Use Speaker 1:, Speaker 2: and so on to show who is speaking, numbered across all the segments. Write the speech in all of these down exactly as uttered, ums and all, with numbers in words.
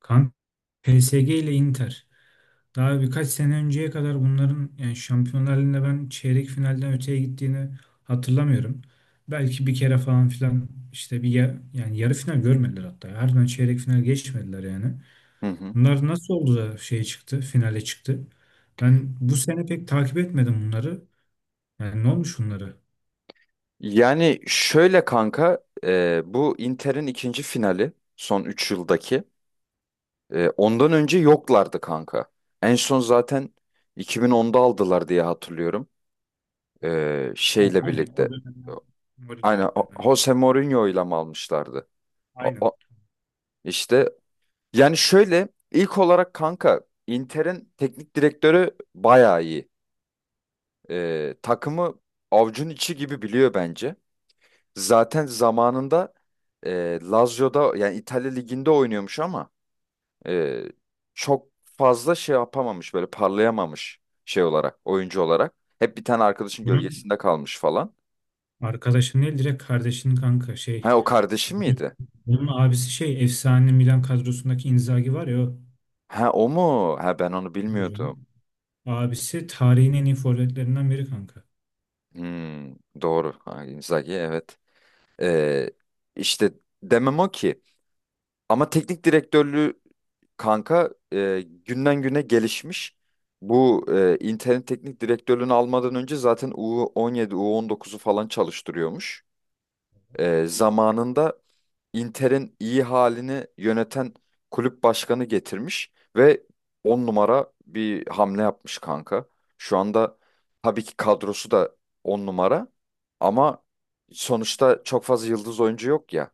Speaker 1: Kanka, P S G ile Inter. Daha birkaç sene önceye kadar bunların yani Şampiyonlar Ligi'nde ben çeyrek finalden öteye gittiğini hatırlamıyorum. Belki bir kere falan filan işte bir ya- yani yarı final görmediler hatta. Harbiden çeyrek final geçmediler yani.
Speaker 2: Hı hı.
Speaker 1: Bunlar nasıl oldu da şeye çıktı, finale çıktı? Ben bu sene pek takip etmedim bunları. Yani ne olmuş bunları?
Speaker 2: Yani şöyle kanka e, bu Inter'in ikinci finali son üç yıldaki. E, ondan önce yoklardı kanka. En son zaten iki bin onda aldılar diye hatırlıyorum. E,
Speaker 1: Aynen.
Speaker 2: şeyle
Speaker 1: Yani o
Speaker 2: birlikte.
Speaker 1: dönemler. Mourinho
Speaker 2: Aynen o-
Speaker 1: dönemi.
Speaker 2: Jose Mourinho ile mi almışlardı? O,
Speaker 1: Aynen.
Speaker 2: o- işte yani şöyle ilk olarak kanka Inter'in teknik direktörü bayağı iyi. E, takımı avucun içi gibi biliyor bence. Zaten zamanında e, Lazio'da yani İtalya Ligi'nde oynuyormuş ama e, çok fazla şey yapamamış, böyle parlayamamış, şey olarak, oyuncu olarak. Hep bir tane arkadaşın
Speaker 1: Bunun
Speaker 2: gölgesinde kalmış falan.
Speaker 1: arkadaşı ne? Direkt kardeşinin kanka şey.
Speaker 2: Ha, o kardeşi miydi?
Speaker 1: Onun abisi şey, efsane Milan kadrosundaki Inzaghi var ya, o.
Speaker 2: Ha, o mu? Ha, ben onu
Speaker 1: Tabii
Speaker 2: bilmiyordum.
Speaker 1: canım. Abisi tarihin en iyi forvetlerinden biri kanka.
Speaker 2: Hmm, doğru. Ha, Inzaghi evet. E, işte demem o ki. Ama teknik direktörlüğü kanka e, günden güne gelişmiş. Bu e, internet teknik direktörlüğünü almadan önce zaten U on yedi, U on dokuzu falan çalıştırıyormuş. E, zamanında Inter'in iyi halini yöneten kulüp başkanı getirmiş ve on numara bir hamle yapmış kanka. Şu anda tabii ki kadrosu da on numara, ama sonuçta çok fazla yıldız oyuncu yok ya.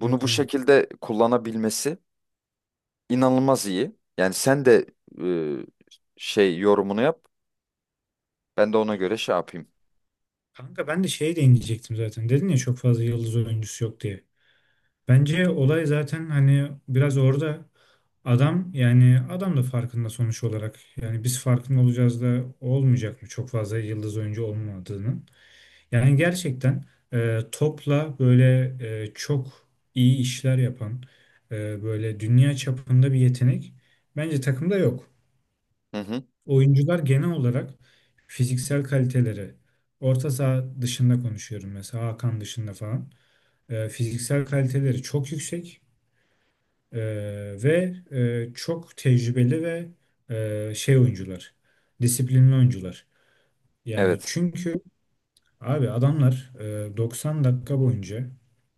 Speaker 2: Bunu bu
Speaker 1: aynen.
Speaker 2: şekilde kullanabilmesi inanılmaz iyi. Yani sen de e, şey yorumunu yap. Ben de ona göre şey yapayım.
Speaker 1: Kanka, ben de şeye değinecektim zaten. Dedin ya çok fazla yıldız oyuncusu yok diye. Bence olay zaten hani biraz orada, adam yani adam da farkında sonuç olarak. Yani biz farkında olacağız da olmayacak mı çok fazla yıldız oyuncu olmadığını. Yani gerçekten e, topla böyle e, çok iyi işler yapan e, böyle dünya çapında bir yetenek bence takımda yok.
Speaker 2: Hı hı.
Speaker 1: Oyuncular genel olarak fiziksel kaliteleri, orta saha dışında konuşuyorum, mesela Hakan dışında falan, e, fiziksel kaliteleri çok yüksek e, ve e, çok tecrübeli ve e, şey oyuncular, disiplinli oyuncular. Yani
Speaker 2: Evet.
Speaker 1: çünkü abi adamlar e, doksan dakika boyunca,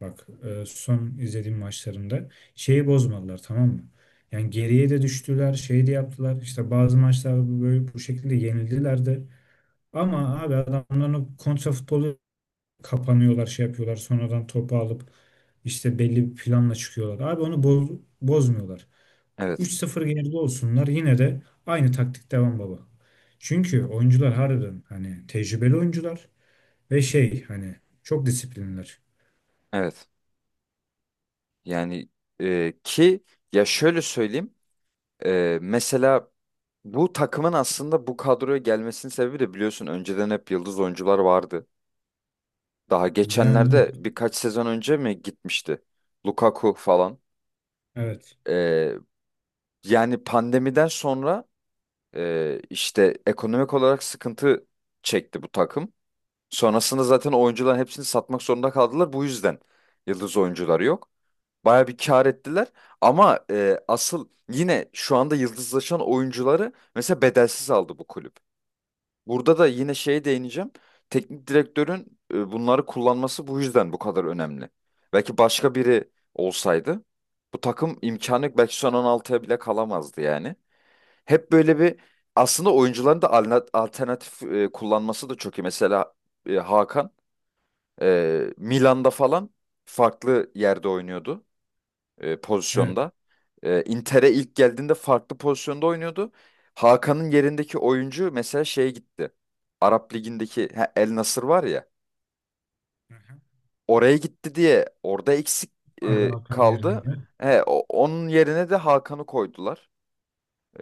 Speaker 1: bak, e, son izlediğim maçlarında şeyi bozmadılar, tamam mı? Yani geriye de düştüler, şey de yaptılar. İşte bazı maçlarda bu- böyle bu şekilde yenildiler de. Ama abi adamların o kontra futbolu, kapanıyorlar, şey yapıyorlar. Sonradan topu alıp işte belli bir planla çıkıyorlar. Abi onu boz, bozmuyorlar.
Speaker 2: Evet.
Speaker 1: Üç sıfır geride olsunlar yine de aynı taktik devam baba. Çünkü oyuncular harbiden hani tecrübeli oyuncular. Ve şey, hani çok disiplinler.
Speaker 2: Evet. Yani e, ki ya şöyle söyleyeyim. E, mesela bu takımın aslında bu kadroya gelmesinin sebebi de, biliyorsun, önceden hep yıldız oyuncular vardı. Daha
Speaker 1: Yani
Speaker 2: geçenlerde birkaç sezon önce mi gitmişti? Lukaku falan.
Speaker 1: evet.
Speaker 2: E, yani pandemiden sonra e, işte ekonomik olarak sıkıntı çekti bu takım. Sonrasında zaten oyuncuların hepsini satmak zorunda kaldılar. Bu yüzden yıldız oyuncuları yok. Baya bir kar ettiler. Ama e, asıl yine şu anda yıldızlaşan oyuncuları mesela bedelsiz aldı bu kulüp. Burada da yine şeye değineceğim. Teknik direktörün e, bunları kullanması bu yüzden bu kadar önemli. Belki başka biri olsaydı bu takım imkanı yok, belki son on altıya bile kalamazdı yani. Hep böyle bir aslında oyuncuların da alna- alternatif e, kullanması da çok iyi. Mesela e, Hakan ee, Milan'da falan farklı yerde oynuyordu, e,
Speaker 1: Evet.
Speaker 2: pozisyonda. Ee, Inter'e ilk geldiğinde farklı pozisyonda oynuyordu. Hakan'ın yerindeki oyuncu mesela şeye gitti. Arap Ligi'ndeki, ha, El Nasır var ya.
Speaker 1: Evet.
Speaker 2: Oraya gitti diye orada eksik
Speaker 1: Arda
Speaker 2: e,
Speaker 1: Hakan
Speaker 2: kaldı.
Speaker 1: yerinde.
Speaker 2: He, o- onun yerine de Hakan'ı koydular.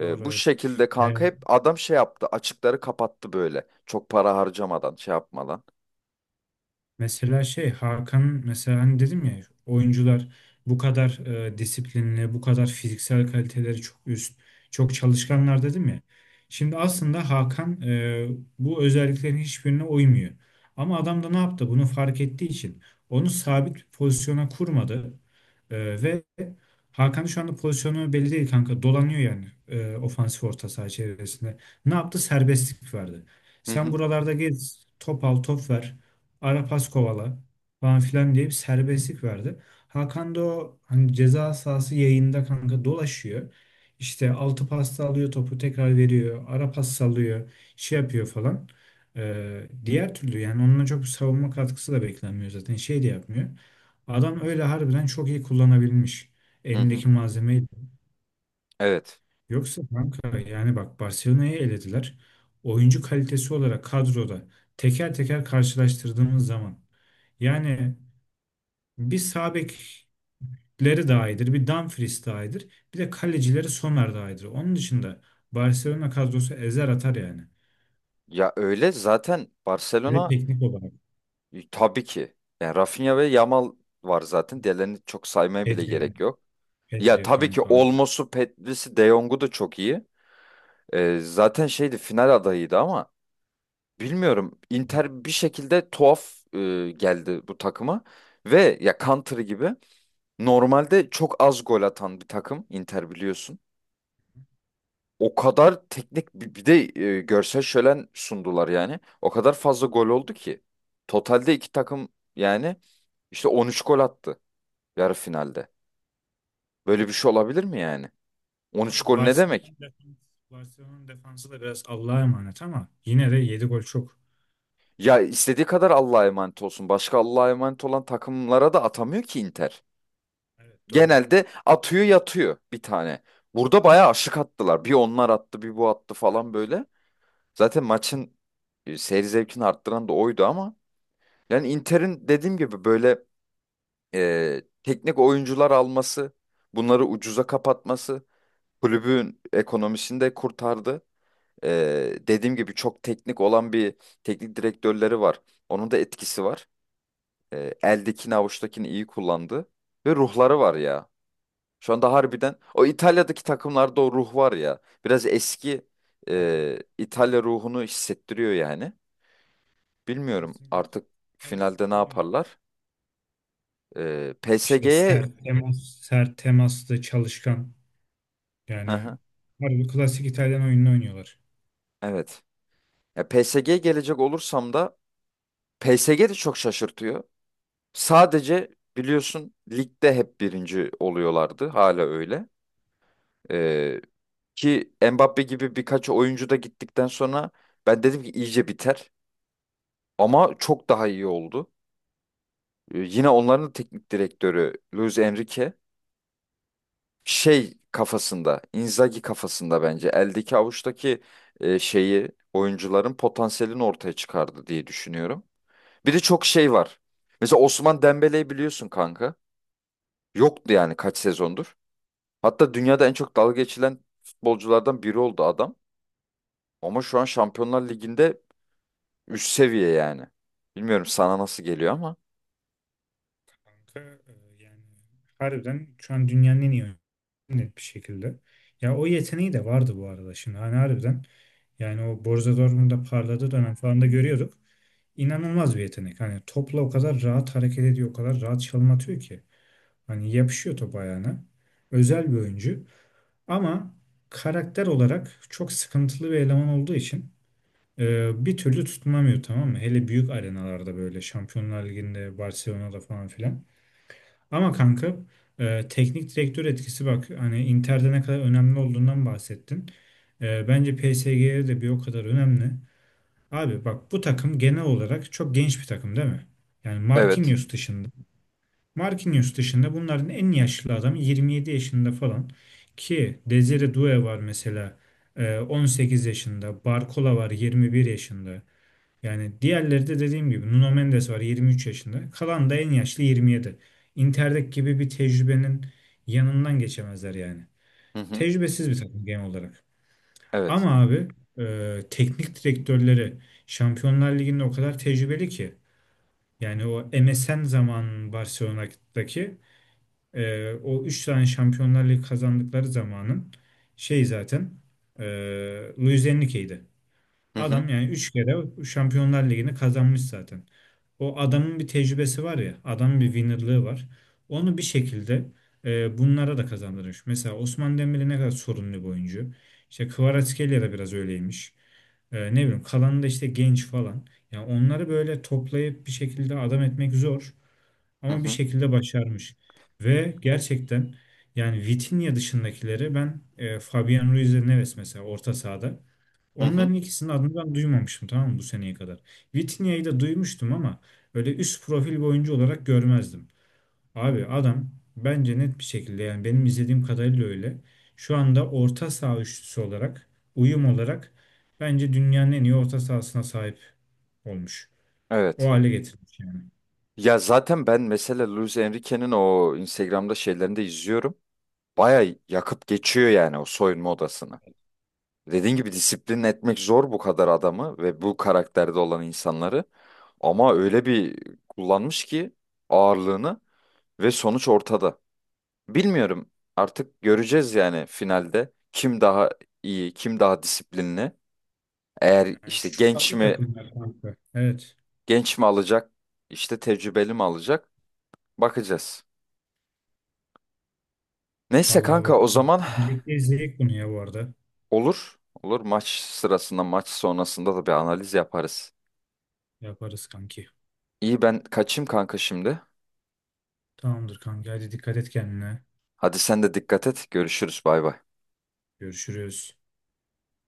Speaker 1: Doğru,
Speaker 2: Bu
Speaker 1: evet.
Speaker 2: şekilde kanka
Speaker 1: Yani.
Speaker 2: hep adam şey yaptı. Açıkları kapattı böyle. Çok para harcamadan, şey yapmadan.
Speaker 1: Mesela şey, Hakan mesela, hani dedim ya, oyuncular bu kadar e, disiplinli, bu kadar fiziksel kaliteleri çok üst, çok çalışkanlar dedim ya. Şimdi aslında Hakan e, bu özelliklerin hiçbirine uymuyor. Ama adam da ne yaptı? Bunu fark ettiği için onu sabit pozisyona kurmadı. E, ve Hakan şu anda pozisyonu belli değil kanka. Dolanıyor yani e, ofansif orta saha çevresinde. Ne yaptı? Serbestlik verdi.
Speaker 2: Hı
Speaker 1: Sen
Speaker 2: hı.
Speaker 1: buralarda gez, top al, top ver. Arapaz kovala falan filan diye bir serbestlik verdi. Hakan da o hani ceza sahası yayında kanka dolaşıyor. İşte altı pasta alıyor, topu tekrar veriyor. Ara pas sallıyor. Şey yapıyor falan. Ee, diğer türlü yani onunla çok savunma katkısı da beklenmiyor zaten. Şey de yapmıyor. Adam öyle harbiden çok iyi kullanabilmiş
Speaker 2: Hı hı.
Speaker 1: elindeki malzemeyi.
Speaker 2: Evet.
Speaker 1: Yoksa kanka, yani bak, Barcelona'yı elediler. Oyuncu kalitesi olarak kadroda teker teker karşılaştırdığımız zaman, yani bir sağ bekleri daha iyidir, bir Dumfries daha iyidir, bir de kalecileri Sommer daha iyidir. Onun dışında Barcelona kadrosu ezer atar yani.
Speaker 2: Ya öyle zaten
Speaker 1: Hele
Speaker 2: Barcelona.
Speaker 1: teknik olarak
Speaker 2: E, Tabii ki. Yani Rafinha ve Yamal var zaten. Diğerlerini çok saymaya bile
Speaker 1: Pedri,
Speaker 2: gerek yok. Ya
Speaker 1: Pedri
Speaker 2: tabii ki
Speaker 1: kanka.
Speaker 2: Olmos'u, Petris'i, De Jong'u da çok iyi. E, zaten şeydi, final adayıydı ama bilmiyorum. Inter bir şekilde tuhaf e, geldi bu takıma. Ve ya Country gibi normalde çok az gol atan bir takım Inter, biliyorsun. O kadar teknik bir bir de e, görsel şölen sundular yani. O kadar fazla gol oldu ki. Totalde iki takım yani işte on üç gol attı. Yarı finalde. Böyle bir şey olabilir mi yani? on üç
Speaker 1: Tabii
Speaker 2: gol ne demek?
Speaker 1: Barcelona'nın defansı, Barcelona'nın defansı da biraz Allah'a emanet, ama yine de yedi gol çok.
Speaker 2: Ya istediği kadar Allah'a emanet olsun. Başka Allah'a emanet olan takımlara da atamıyor ki Inter.
Speaker 1: Evet, doğru.
Speaker 2: Genelde atıyor yatıyor bir tane. Burada bayağı aşık attılar. Bir onlar attı, bir bu attı falan böyle. Zaten maçın e, seyir zevkini arttıran da oydu ama. Yani Inter'in dediğim gibi böyle e, teknik oyuncular alması, bunları ucuza kapatması kulübün ekonomisini de kurtardı. Ee, dediğim gibi çok teknik olan bir teknik direktörleri var. Onun da etkisi var. Ee, eldekini avuçtakini iyi kullandı. Ve ruhları var ya. Şu anda harbiden o İtalya'daki takımlarda o ruh var ya. Biraz eski
Speaker 1: Doğru.
Speaker 2: e, İtalya ruhunu hissettiriyor yani. Bilmiyorum
Speaker 1: Kesinlikle.
Speaker 2: artık
Speaker 1: İtalya
Speaker 2: finalde ne
Speaker 1: futbolu oynuyor.
Speaker 2: yaparlar. Ee,
Speaker 1: İşte
Speaker 2: P S G'ye.
Speaker 1: sert temas, sert temaslı, çalışkan.
Speaker 2: Hı
Speaker 1: Yani
Speaker 2: hı,
Speaker 1: harbi klasik İtalyan oyununu oynuyorlar.
Speaker 2: evet. Ya P S G'ye gelecek olursam da, P S G de çok şaşırtıyor. Sadece biliyorsun ligde hep birinci oluyorlardı. Hala öyle. Ee, Ki Mbappe gibi birkaç oyuncu da gittikten sonra ben dedim ki iyice biter. Ama çok daha iyi oldu. Ee, yine onların teknik direktörü Luis Enrique şey kafasında, Inzaghi kafasında, bence eldeki avuçtaki e, şeyi, oyuncuların potansiyelini ortaya çıkardı diye düşünüyorum. Bir de çok şey var. Mesela Osman Dembele'yi biliyorsun kanka. Yoktu yani kaç sezondur. Hatta dünyada en çok dalga geçilen futbolculardan biri oldu adam. Ama şu an Şampiyonlar Ligi'nde üst seviye yani. Bilmiyorum sana nasıl geliyor ama.
Speaker 1: Kanka, e, yani harbiden şu an dünyanın en iyi oyunu, net bir şekilde. Ya o yeteneği de vardı bu arada şimdi. Hani harbiden, yani o Borussia Dortmund'da parladığı dönem falan da görüyorduk. İnanılmaz bir yetenek. Hani topla o kadar rahat hareket ediyor, o kadar rahat çalım atıyor ki. Hani yapışıyor top ayağına. Özel bir oyuncu. Ama karakter olarak çok sıkıntılı bir eleman olduğu için Ee, bir türlü tutunamıyor, tamam mı? Hele büyük arenalarda, böyle Şampiyonlar Ligi'nde, Barcelona'da falan filan. Ama kanka, e, teknik direktör etkisi, bak hani Inter'de ne kadar önemli olduğundan bahsettin. E, bence P S G'ye de bir o kadar önemli. Abi bak, bu takım genel olarak çok genç bir takım değil mi? Yani
Speaker 2: Evet.
Speaker 1: Marquinhos dışında. Marquinhos dışında bunların en yaşlı adamı yirmi yedi yaşında falan. Ki Desire Doué var mesela, e, on sekiz yaşında. Barcola var, yirmi bir yaşında. Yani diğerleri de dediğim gibi, Nuno Mendes var yirmi üç yaşında. Kalan da en yaşlı yirmi yedi. Intertek gibi bir tecrübenin yanından geçemezler yani.
Speaker 2: Hı hı.
Speaker 1: Tecrübesiz bir takım genel olarak.
Speaker 2: Evet.
Speaker 1: Ama abi, e, teknik direktörleri Şampiyonlar Ligi'nde o kadar tecrübeli ki. Yani o M S N zaman Barcelona'daki e, o üç tane Şampiyonlar Ligi kazandıkları zamanın şey zaten e, Luis Enrique'ydi.
Speaker 2: Hı hı.
Speaker 1: Adam yani üç kere Şampiyonlar Ligi'ni kazanmış zaten. O adamın bir tecrübesi var ya, adamın bir winnerlığı var. Onu bir şekilde e, bunlara da kazandırmış. Mesela Osman Dembele ne kadar sorunlu bir oyuncu. İşte Kvaratskhelia da biraz öyleymiş. Ee, ne bileyim, kalanı da işte genç falan. Yani onları böyle toplayıp bir şekilde adam etmek zor.
Speaker 2: Hı
Speaker 1: Ama bir
Speaker 2: hı.
Speaker 1: şekilde başarmış. Ve gerçekten, yani Vitinha dışındakileri ben, e, Fabian Ruiz ve Neves mesela orta sahada.
Speaker 2: Hı hı.
Speaker 1: Onların ikisinin adını ben duymamıştım, tamam mı, bu seneye kadar. Vitinha'yı da duymuştum ama öyle üst profil bir oyuncu olarak görmezdim. Abi adam, bence net bir şekilde, yani benim izlediğim kadarıyla öyle, şu anda orta saha üçlüsü olarak, uyum olarak, bence dünyanın en iyi orta sahasına sahip olmuş. O
Speaker 2: Evet.
Speaker 1: hale getirmiş yani.
Speaker 2: Ya zaten ben mesela Luis Enrique'nin o Instagram'da şeylerini de izliyorum. Baya yakıp geçiyor yani o soyunma odasını. Dediğin gibi disiplin etmek zor bu kadar adamı ve bu karakterde olan insanları. Ama öyle bir kullanmış ki ağırlığını, ve sonuç ortada. Bilmiyorum. Artık göreceğiz yani finalde kim daha iyi, kim daha disiplinli. Eğer
Speaker 1: Yani
Speaker 2: işte
Speaker 1: şu
Speaker 2: genç
Speaker 1: farklı
Speaker 2: mi
Speaker 1: takımlar kanka. Evet.
Speaker 2: genç mi alacak, işte tecrübeli mi alacak, bakacağız. Neyse
Speaker 1: Vallahi bak.
Speaker 2: kanka, o zaman
Speaker 1: Birlikte izleyelim bunu ya bu arada.
Speaker 2: olur. Olur, maç sırasında, maç sonrasında da bir analiz yaparız.
Speaker 1: Yaparız kanki.
Speaker 2: İyi, ben kaçayım kanka şimdi.
Speaker 1: Tamamdır kanki. Hadi, dikkat et kendine.
Speaker 2: Hadi sen de dikkat et. Görüşürüz. Bay bay.
Speaker 1: Görüşürüz.